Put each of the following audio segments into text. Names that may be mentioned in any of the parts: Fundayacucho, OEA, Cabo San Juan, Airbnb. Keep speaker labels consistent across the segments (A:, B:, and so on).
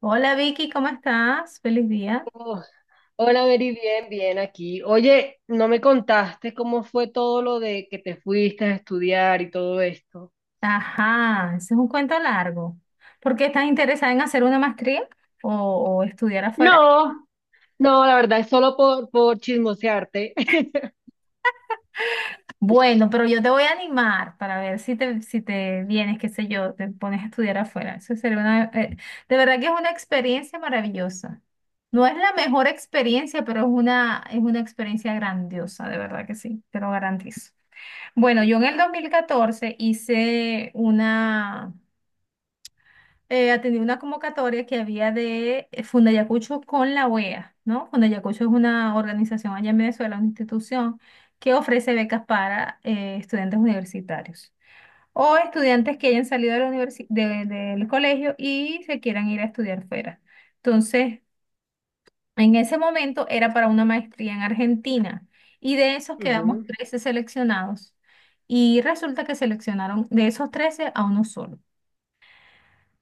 A: Hola Vicky, ¿cómo estás? Feliz día.
B: Oh, hola, Mary, bien, bien aquí. Oye, ¿no me contaste cómo fue todo lo de que te fuiste a estudiar y todo esto?
A: Ajá, ese es un cuento largo. ¿Por qué estás interesada en hacer una maestría o, o estudiar afuera?
B: No, no, la verdad es solo por chismosearte.
A: Bueno, pero yo te voy a animar para ver si te, si te vienes, qué sé yo, te pones a estudiar afuera. Eso sería de verdad que es una experiencia maravillosa. No es la mejor experiencia, pero es una experiencia grandiosa, de verdad que sí, te lo garantizo. Bueno, yo en el 2014 hice atendí una convocatoria que había de Fundayacucho con la OEA, ¿no? Fundayacucho es una organización allá en Venezuela, una institución que ofrece becas para estudiantes universitarios o estudiantes que hayan salido de del colegio y se quieran ir a estudiar fuera. Entonces, en ese momento era para una maestría en Argentina y de esos quedamos
B: Ujú,
A: 13 seleccionados y resulta que seleccionaron de esos 13 a uno solo.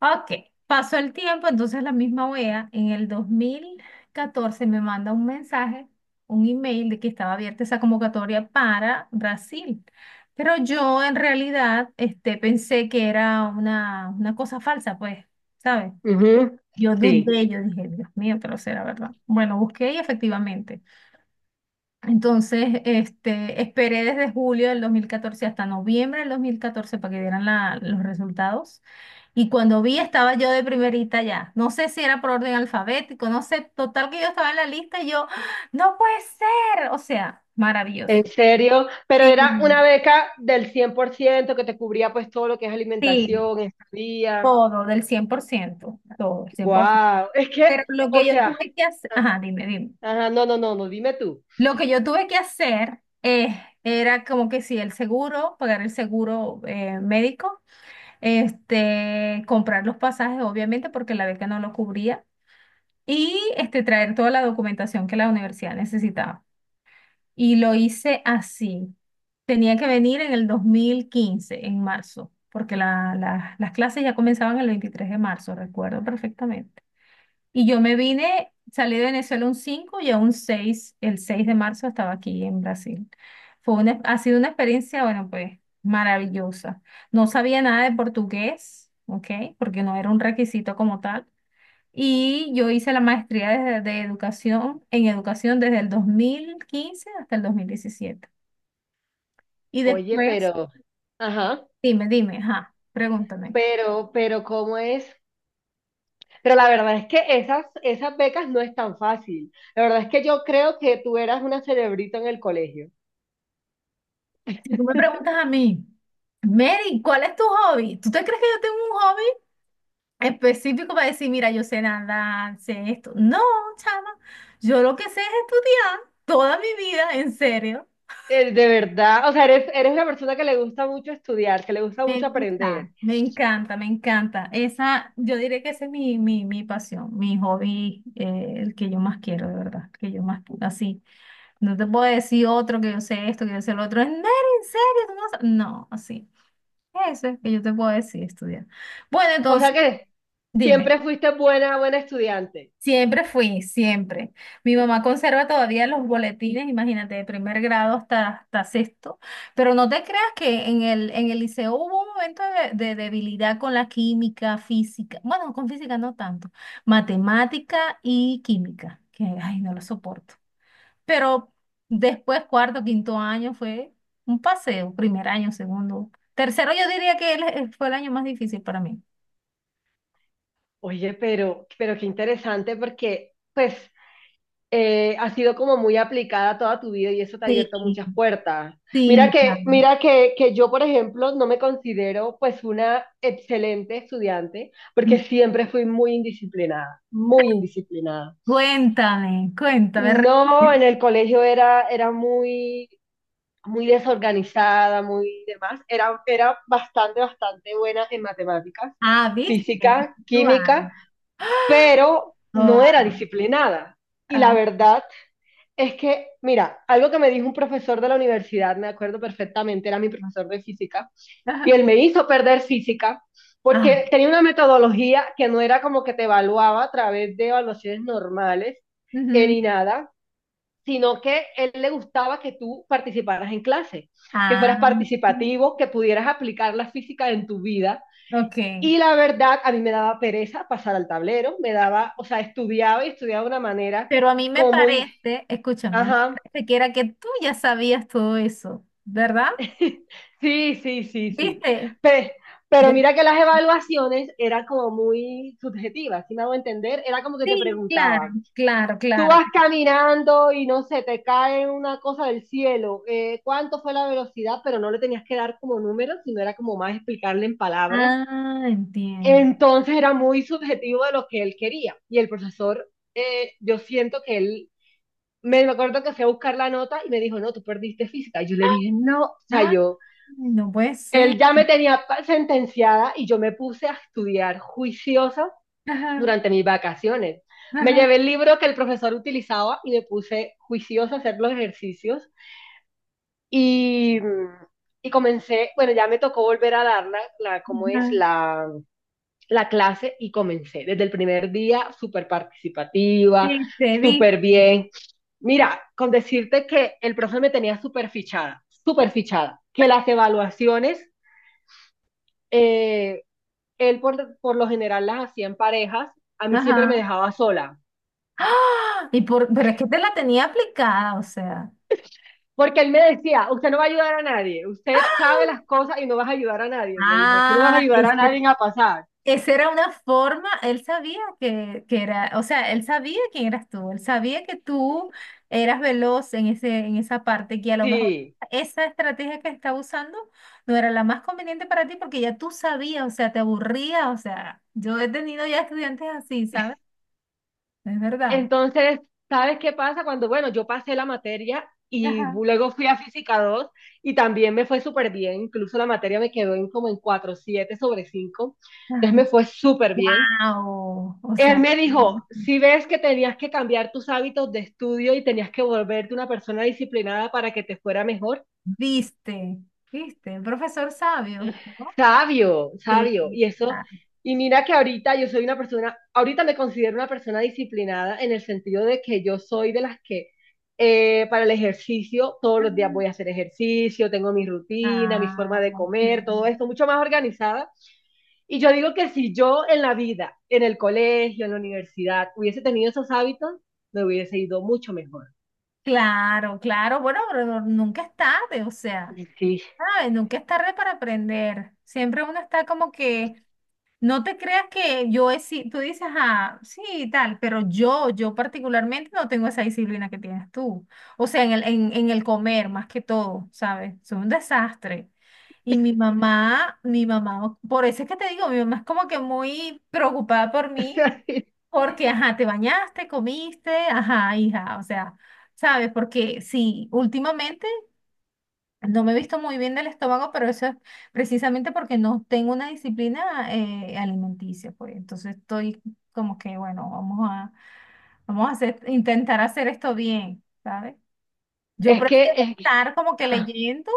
A: Ok, pasó el tiempo, entonces la misma OEA en el 2014 me manda un mensaje, un email de que estaba abierta esa convocatoria para Brasil. Pero yo en realidad pensé que era una cosa falsa, pues, ¿sabes?
B: ujú.
A: Yo
B: Sí.
A: dudé, yo dije, Dios mío, pero será verdad. Bueno, busqué y efectivamente. Entonces, esperé desde julio del 2014 hasta noviembre del 2014 para que dieran los resultados. Y cuando vi, estaba yo de primerita ya. No sé si era por orden alfabético, no sé. Total que yo estaba en la lista y yo, ¡Ah! No puede ser. O sea,
B: En
A: maravilloso.
B: serio, pero era una
A: Sí,
B: beca del 100% que te cubría, pues, todo lo que es
A: sí,
B: alimentación, estadía.
A: todo, del 100% todo, el 100%.
B: Wow, es que,
A: Pero lo
B: o
A: que yo
B: sea,
A: tuve que hacer,
B: ah,
A: ajá, dime, dime.
B: ajá, no, no, no, no, dime tú.
A: Lo que yo tuve que hacer era como que sí, el seguro, pagar el seguro médico. Comprar los pasajes, obviamente, porque la beca no lo cubría, y traer toda la documentación que la universidad necesitaba. Y lo hice así. Tenía que venir en el 2015, en marzo, porque las clases ya comenzaban el 23 de marzo, recuerdo perfectamente. Y yo me vine, salí de Venezuela un 5 y a un 6 el 6 de marzo estaba aquí en Brasil. Ha sido una experiencia, bueno, pues maravillosa. No sabía nada de portugués, ¿ok? Porque no era un requisito como tal. Y yo hice la maestría de educación, en educación desde el 2015 hasta el 2017. Y
B: Oye,
A: después,
B: pero, ajá,
A: dime, dime, ajá, pregúntame.
B: pero, ¿cómo es? Pero la verdad es que esas becas no es tan fácil. La verdad es que yo creo que tú eras una cerebrita en el colegio.
A: Si tú me preguntas a mí, Mary, ¿cuál es tu hobby? ¿Tú te crees que yo tengo un hobby específico para decir, mira, yo sé nadar, sé esto? No, chama, yo lo que sé es estudiar toda mi vida, en serio.
B: De verdad, o sea, eres una persona que le gusta mucho estudiar, que le gusta
A: Me
B: mucho
A: gusta,
B: aprender.
A: me encanta, me encanta. Esa, yo diré que esa es mi, mi pasión, mi hobby, el que yo más quiero, de verdad, el que yo más, así. No te puedo decir otro que yo sé esto, que yo sé lo otro. En serio, tú no sabes. No, así. Eso es que yo te puedo decir, estudiar. Bueno,
B: O sea
A: entonces,
B: que
A: dime.
B: siempre fuiste buena estudiante.
A: Siempre fui, siempre. Mi mamá conserva todavía los boletines, imagínate, de primer grado hasta, hasta sexto. Pero no te creas que en el liceo hubo un momento de debilidad con la química, física. Bueno, con física no tanto. Matemática y química, que ay, no lo soporto. Pero después, cuarto, quinto año fue un paseo. Primer año, segundo. Tercero, yo diría que fue el año más difícil para mí.
B: Oye, pero qué interesante porque, pues, has sido como muy aplicada toda tu vida y eso te ha
A: Sí,
B: abierto muchas puertas.
A: sí,
B: Mira que,
A: claro.
B: mira que, que yo, por ejemplo, no me considero, pues, una excelente estudiante porque siempre fui muy indisciplinada, muy indisciplinada.
A: Cuéntame, cuéntame.
B: No, en el colegio era muy muy desorganizada, muy demás, era bastante, bastante buena en matemáticas,
A: Ah, ¿viste?
B: física,
A: Tú, ah,
B: química, pero no
A: oh,
B: era disciplinada. Y la
A: ah,
B: verdad es que, mira, algo que me dijo un profesor de la universidad, me acuerdo perfectamente, era mi profesor de física, y
A: ah,
B: él me hizo perder física
A: ah,
B: porque tenía una metodología que no era como que te evaluaba a través de evaluaciones normales
A: ujú,
B: ni nada, sino que a él le gustaba que tú participaras en clase, que
A: ah,
B: fueras participativo, que pudieras aplicar la física en tu vida.
A: ok.
B: Y la verdad, a mí me daba pereza pasar al tablero, me daba, o sea, estudiaba y estudiaba de una manera
A: Pero a mí me
B: como muy,
A: parece, escúchame, a mí me
B: ajá,
A: parece que era que tú ya sabías todo eso, ¿verdad?
B: sí, sí, sí, sí.
A: ¿Viste?
B: Pero, pero
A: Ya-
B: mira que las evaluaciones eran como muy subjetivas, si me hago entender, era como que te
A: Sí, claro,
B: preguntaban,
A: claro,
B: tú
A: claro.
B: vas caminando y no sé, te cae una cosa del cielo, cuánto fue la velocidad, pero no le tenías que dar como números, sino era como más explicarle en palabras.
A: Ah, entiendo.
B: Entonces era muy subjetivo de lo que él quería. Y el profesor, yo siento que él, me acuerdo que fui a buscar la nota y me dijo, no, tú perdiste física. Y yo le dije, no, o sea,
A: Ah,
B: yo,
A: no puede ser.
B: él ya me tenía sentenciada y yo me puse a estudiar juiciosa
A: Ajá,
B: durante mis vacaciones. Me
A: ajá,
B: llevé el libro que el profesor utilizaba y me puse juiciosa a hacer los ejercicios y, y comencé, bueno, ya me tocó volver a dar la, la cómo es
A: ajá.
B: la, la clase y comencé desde el primer día súper participativa,
A: Viste, viste.
B: súper bien. Mira, con decirte que el profesor me tenía súper fichada, que las evaluaciones, eh, él por lo general las hacía en parejas, a mí siempre me
A: Ajá.
B: dejaba sola.
A: ¡Ah! Pero es que te la tenía aplicada, o sea.
B: Porque él me decía, usted no va a ayudar a nadie, usted sabe las cosas y no vas a ayudar a nadie. Me dijo, aquí no vas a
A: Ah,
B: ayudar a nadie a pasar.
A: esa era una forma, él sabía que era, o sea, él sabía quién eras tú, él sabía que tú eras veloz en ese, en esa parte, que a lo mejor
B: Sí.
A: esa estrategia que estaba usando no era la más conveniente para ti porque ya tú sabías, o sea, te aburría, o sea, yo he tenido ya estudiantes así, ¿sabes? Es verdad.
B: Entonces, ¿sabes qué pasa? Cuando, bueno, yo pasé la materia y
A: Ajá.
B: luego fui a Física 2 y también me fue súper bien, incluso la materia me quedó en como en 4,7/5. Entonces me fue súper bien.
A: Wow, o
B: Él
A: sea.
B: me dijo, si ves que tenías que cambiar tus hábitos de estudio y tenías que volverte una persona disciplinada para que te fuera mejor.
A: Viste, viste, el profesor sabio, ¿no?
B: Sabio,
A: Sí.
B: sabio. Y eso,
A: Ah,
B: y mira que ahorita yo soy una persona, ahorita me considero una persona disciplinada en el sentido de que yo soy de las que para el ejercicio todos los días voy a
A: ah,
B: hacer ejercicio, tengo mi rutina, mi
A: ah,
B: forma de
A: ok.
B: comer, todo esto, mucho más organizada. Y yo digo que si yo en la vida, en el colegio, en la universidad, hubiese tenido esos hábitos, me hubiese ido mucho mejor.
A: Claro, claro, bueno, pero nunca es tarde, o sea,
B: Sí.
A: ay, nunca es tarde para aprender. Siempre uno está como que, no te creas que yo es, si tú dices, ah, sí, y tal, pero yo particularmente no tengo esa disciplina que tienes tú. O sea, en el comer más que todo, ¿sabes? Es un desastre. Y mi mamá, por eso es que te digo, mi mamá es como que muy preocupada por mí porque, ajá, te bañaste, comiste, ajá, hija, o sea, ¿sabes? Porque sí, últimamente no me he visto muy bien del estómago, pero eso es precisamente porque no tengo una disciplina alimenticia, pues. Entonces estoy como que, bueno, vamos a hacer, intentar hacer esto bien, ¿sabes? Yo
B: Es que,
A: prefiero
B: es que-
A: estar como que
B: ah,
A: leyendo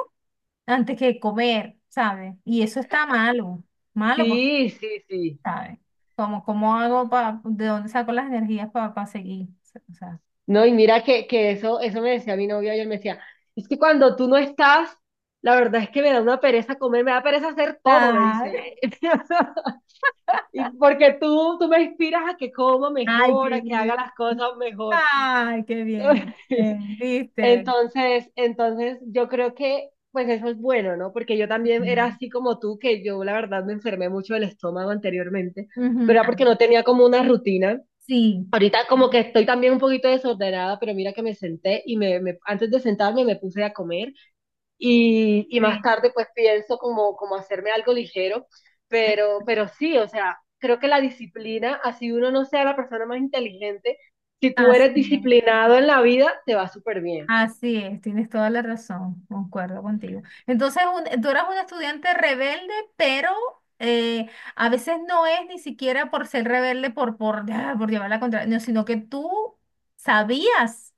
A: antes que comer, ¿sabes? Y eso está malo, malo porque,
B: sí, sí, sí.
A: ¿sabes? Como, ¿cómo hago para, de dónde saco las energías para seguir? O sea.
B: No, y mira que eso me decía mi novio ayer, me decía, es que cuando tú no estás, la verdad es que me da una pereza comer, me da pereza hacer todo, me dice.
A: Ay,
B: Y porque tú me inspiras a que coma
A: ay,
B: mejor,
A: qué
B: a que
A: bien.
B: haga las cosas mejor.
A: Ay, qué bien. Bien, ¿viste?
B: Entonces yo creo que pues eso es bueno, ¿no? Porque yo también era
A: Mm.
B: así como tú, que yo la verdad me enfermé mucho del estómago anteriormente,
A: Ujú,
B: pero era
A: ah,
B: porque no tenía como una rutina.
A: sí.
B: Ahorita como que estoy también un poquito desordenada, pero mira que me senté y antes de sentarme me puse a comer y más
A: Bien.
B: tarde pues pienso como hacerme algo ligero, pero, sí, o sea, creo que la disciplina, así uno no sea la persona más inteligente, si tú eres
A: Así
B: disciplinado en la vida, te va súper bien.
A: Así es, tienes toda la razón, concuerdo contigo. Entonces, tú eras un estudiante rebelde, pero eh, a veces no es ni siquiera por ser rebelde, por llevar la contraria, no, sino que tú sabías,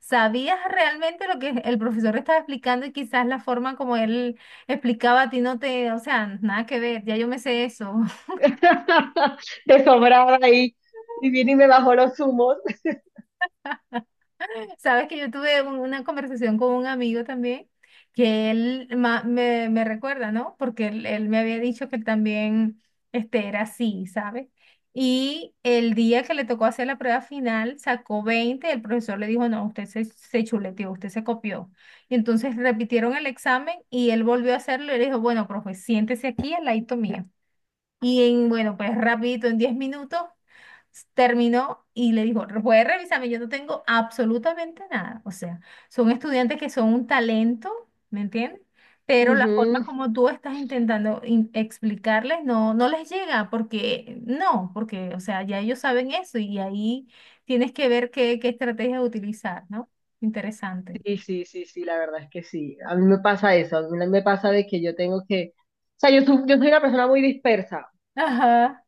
A: sabías realmente lo que el profesor estaba explicando y quizás la forma como él explicaba a ti no te, o sea, nada que ver, ya yo me sé eso.
B: De sobrado ahí y vine y me bajó los humos.
A: Sabes que yo tuve una conversación con un amigo también, que él me, me recuerda, ¿no? Porque él me había dicho que él también era así, ¿sabes? Y el día que le tocó hacer la prueba final, sacó 20. El profesor le dijo, no, usted se, se chuleteó, usted se copió. Y entonces repitieron el examen y él volvió a hacerlo y le dijo, bueno, profe, siéntese aquí al ladito mío. Bueno, pues rapidito, en 10 minutos terminó y le dijo, puede revisarme, yo no tengo absolutamente nada. O sea, son estudiantes que son un talento, ¿me entiendes? Pero la forma como tú estás intentando explicarles no, no les llega porque no, porque, o sea, ya ellos saben eso y ahí tienes que ver qué, qué estrategia utilizar, ¿no? Interesante.
B: Sí, sí, sí, sí, la verdad es que sí. A mí me pasa eso, a mí me pasa de que yo tengo que, o sea, yo, yo soy una persona muy dispersa,
A: Ajá,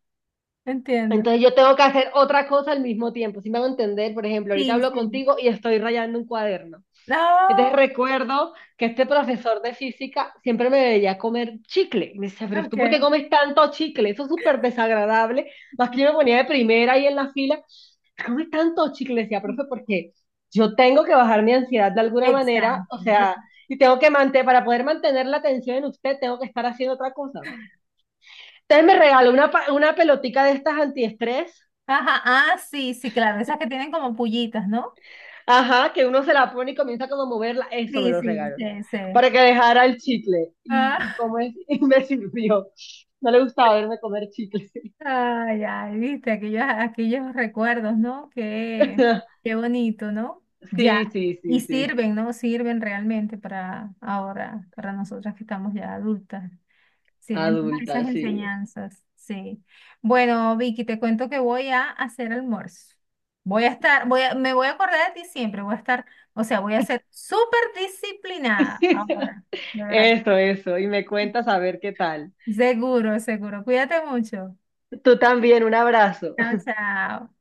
A: entiendo.
B: entonces yo tengo que hacer otra cosa al mismo tiempo. Si me hago entender, por ejemplo, ahorita
A: Sí,
B: hablo
A: sí.
B: contigo y estoy rayando un cuaderno.
A: No,
B: Entonces recuerdo que este profesor de física siempre me veía comer chicle. Y me decía, pero ¿tú por qué
A: ok.
B: comes tanto chicle? Eso es súper desagradable. Más que yo me ponía de primera ahí en la fila come tanto chicle, decía, profe, porque yo tengo que bajar mi ansiedad de alguna manera, o
A: Exacto.
B: sea, y tengo que mantener, para poder mantener la atención en usted, tengo que estar haciendo otra cosa. Entonces me regaló una pelotica de estas antiestrés,
A: Ajá, ah, sí, sí, claro, esas que tienen como pullitas, ¿no?
B: ajá, que uno se la pone y comienza como a moverla, eso me
A: Sí,
B: lo
A: sí,
B: regaló,
A: sí, sí.
B: para que dejara el chicle,
A: Ah,
B: y como es, y me sirvió. No le gustaba verme comer chicle.
A: ay, ay, viste, aquellos, aquellos recuerdos, ¿no? Qué, qué bonito, ¿no? Ya,
B: Sí, sí,
A: y
B: sí, sí,
A: sirven, ¿no? Sirven realmente para ahora, para nosotras que estamos ya adultas. Sirven todas
B: adulta,
A: esas
B: sí.
A: enseñanzas, sí. Bueno, Vicky, te cuento que voy a hacer almuerzo. Voy a estar, me voy a acordar de ti siempre, voy a estar, o sea, voy a ser súper disciplinada ahora, de verdad.
B: Eso, y me cuentas a ver qué tal.
A: Seguro, seguro. Cuídate mucho.
B: Tú también, un abrazo.
A: Chao, chao.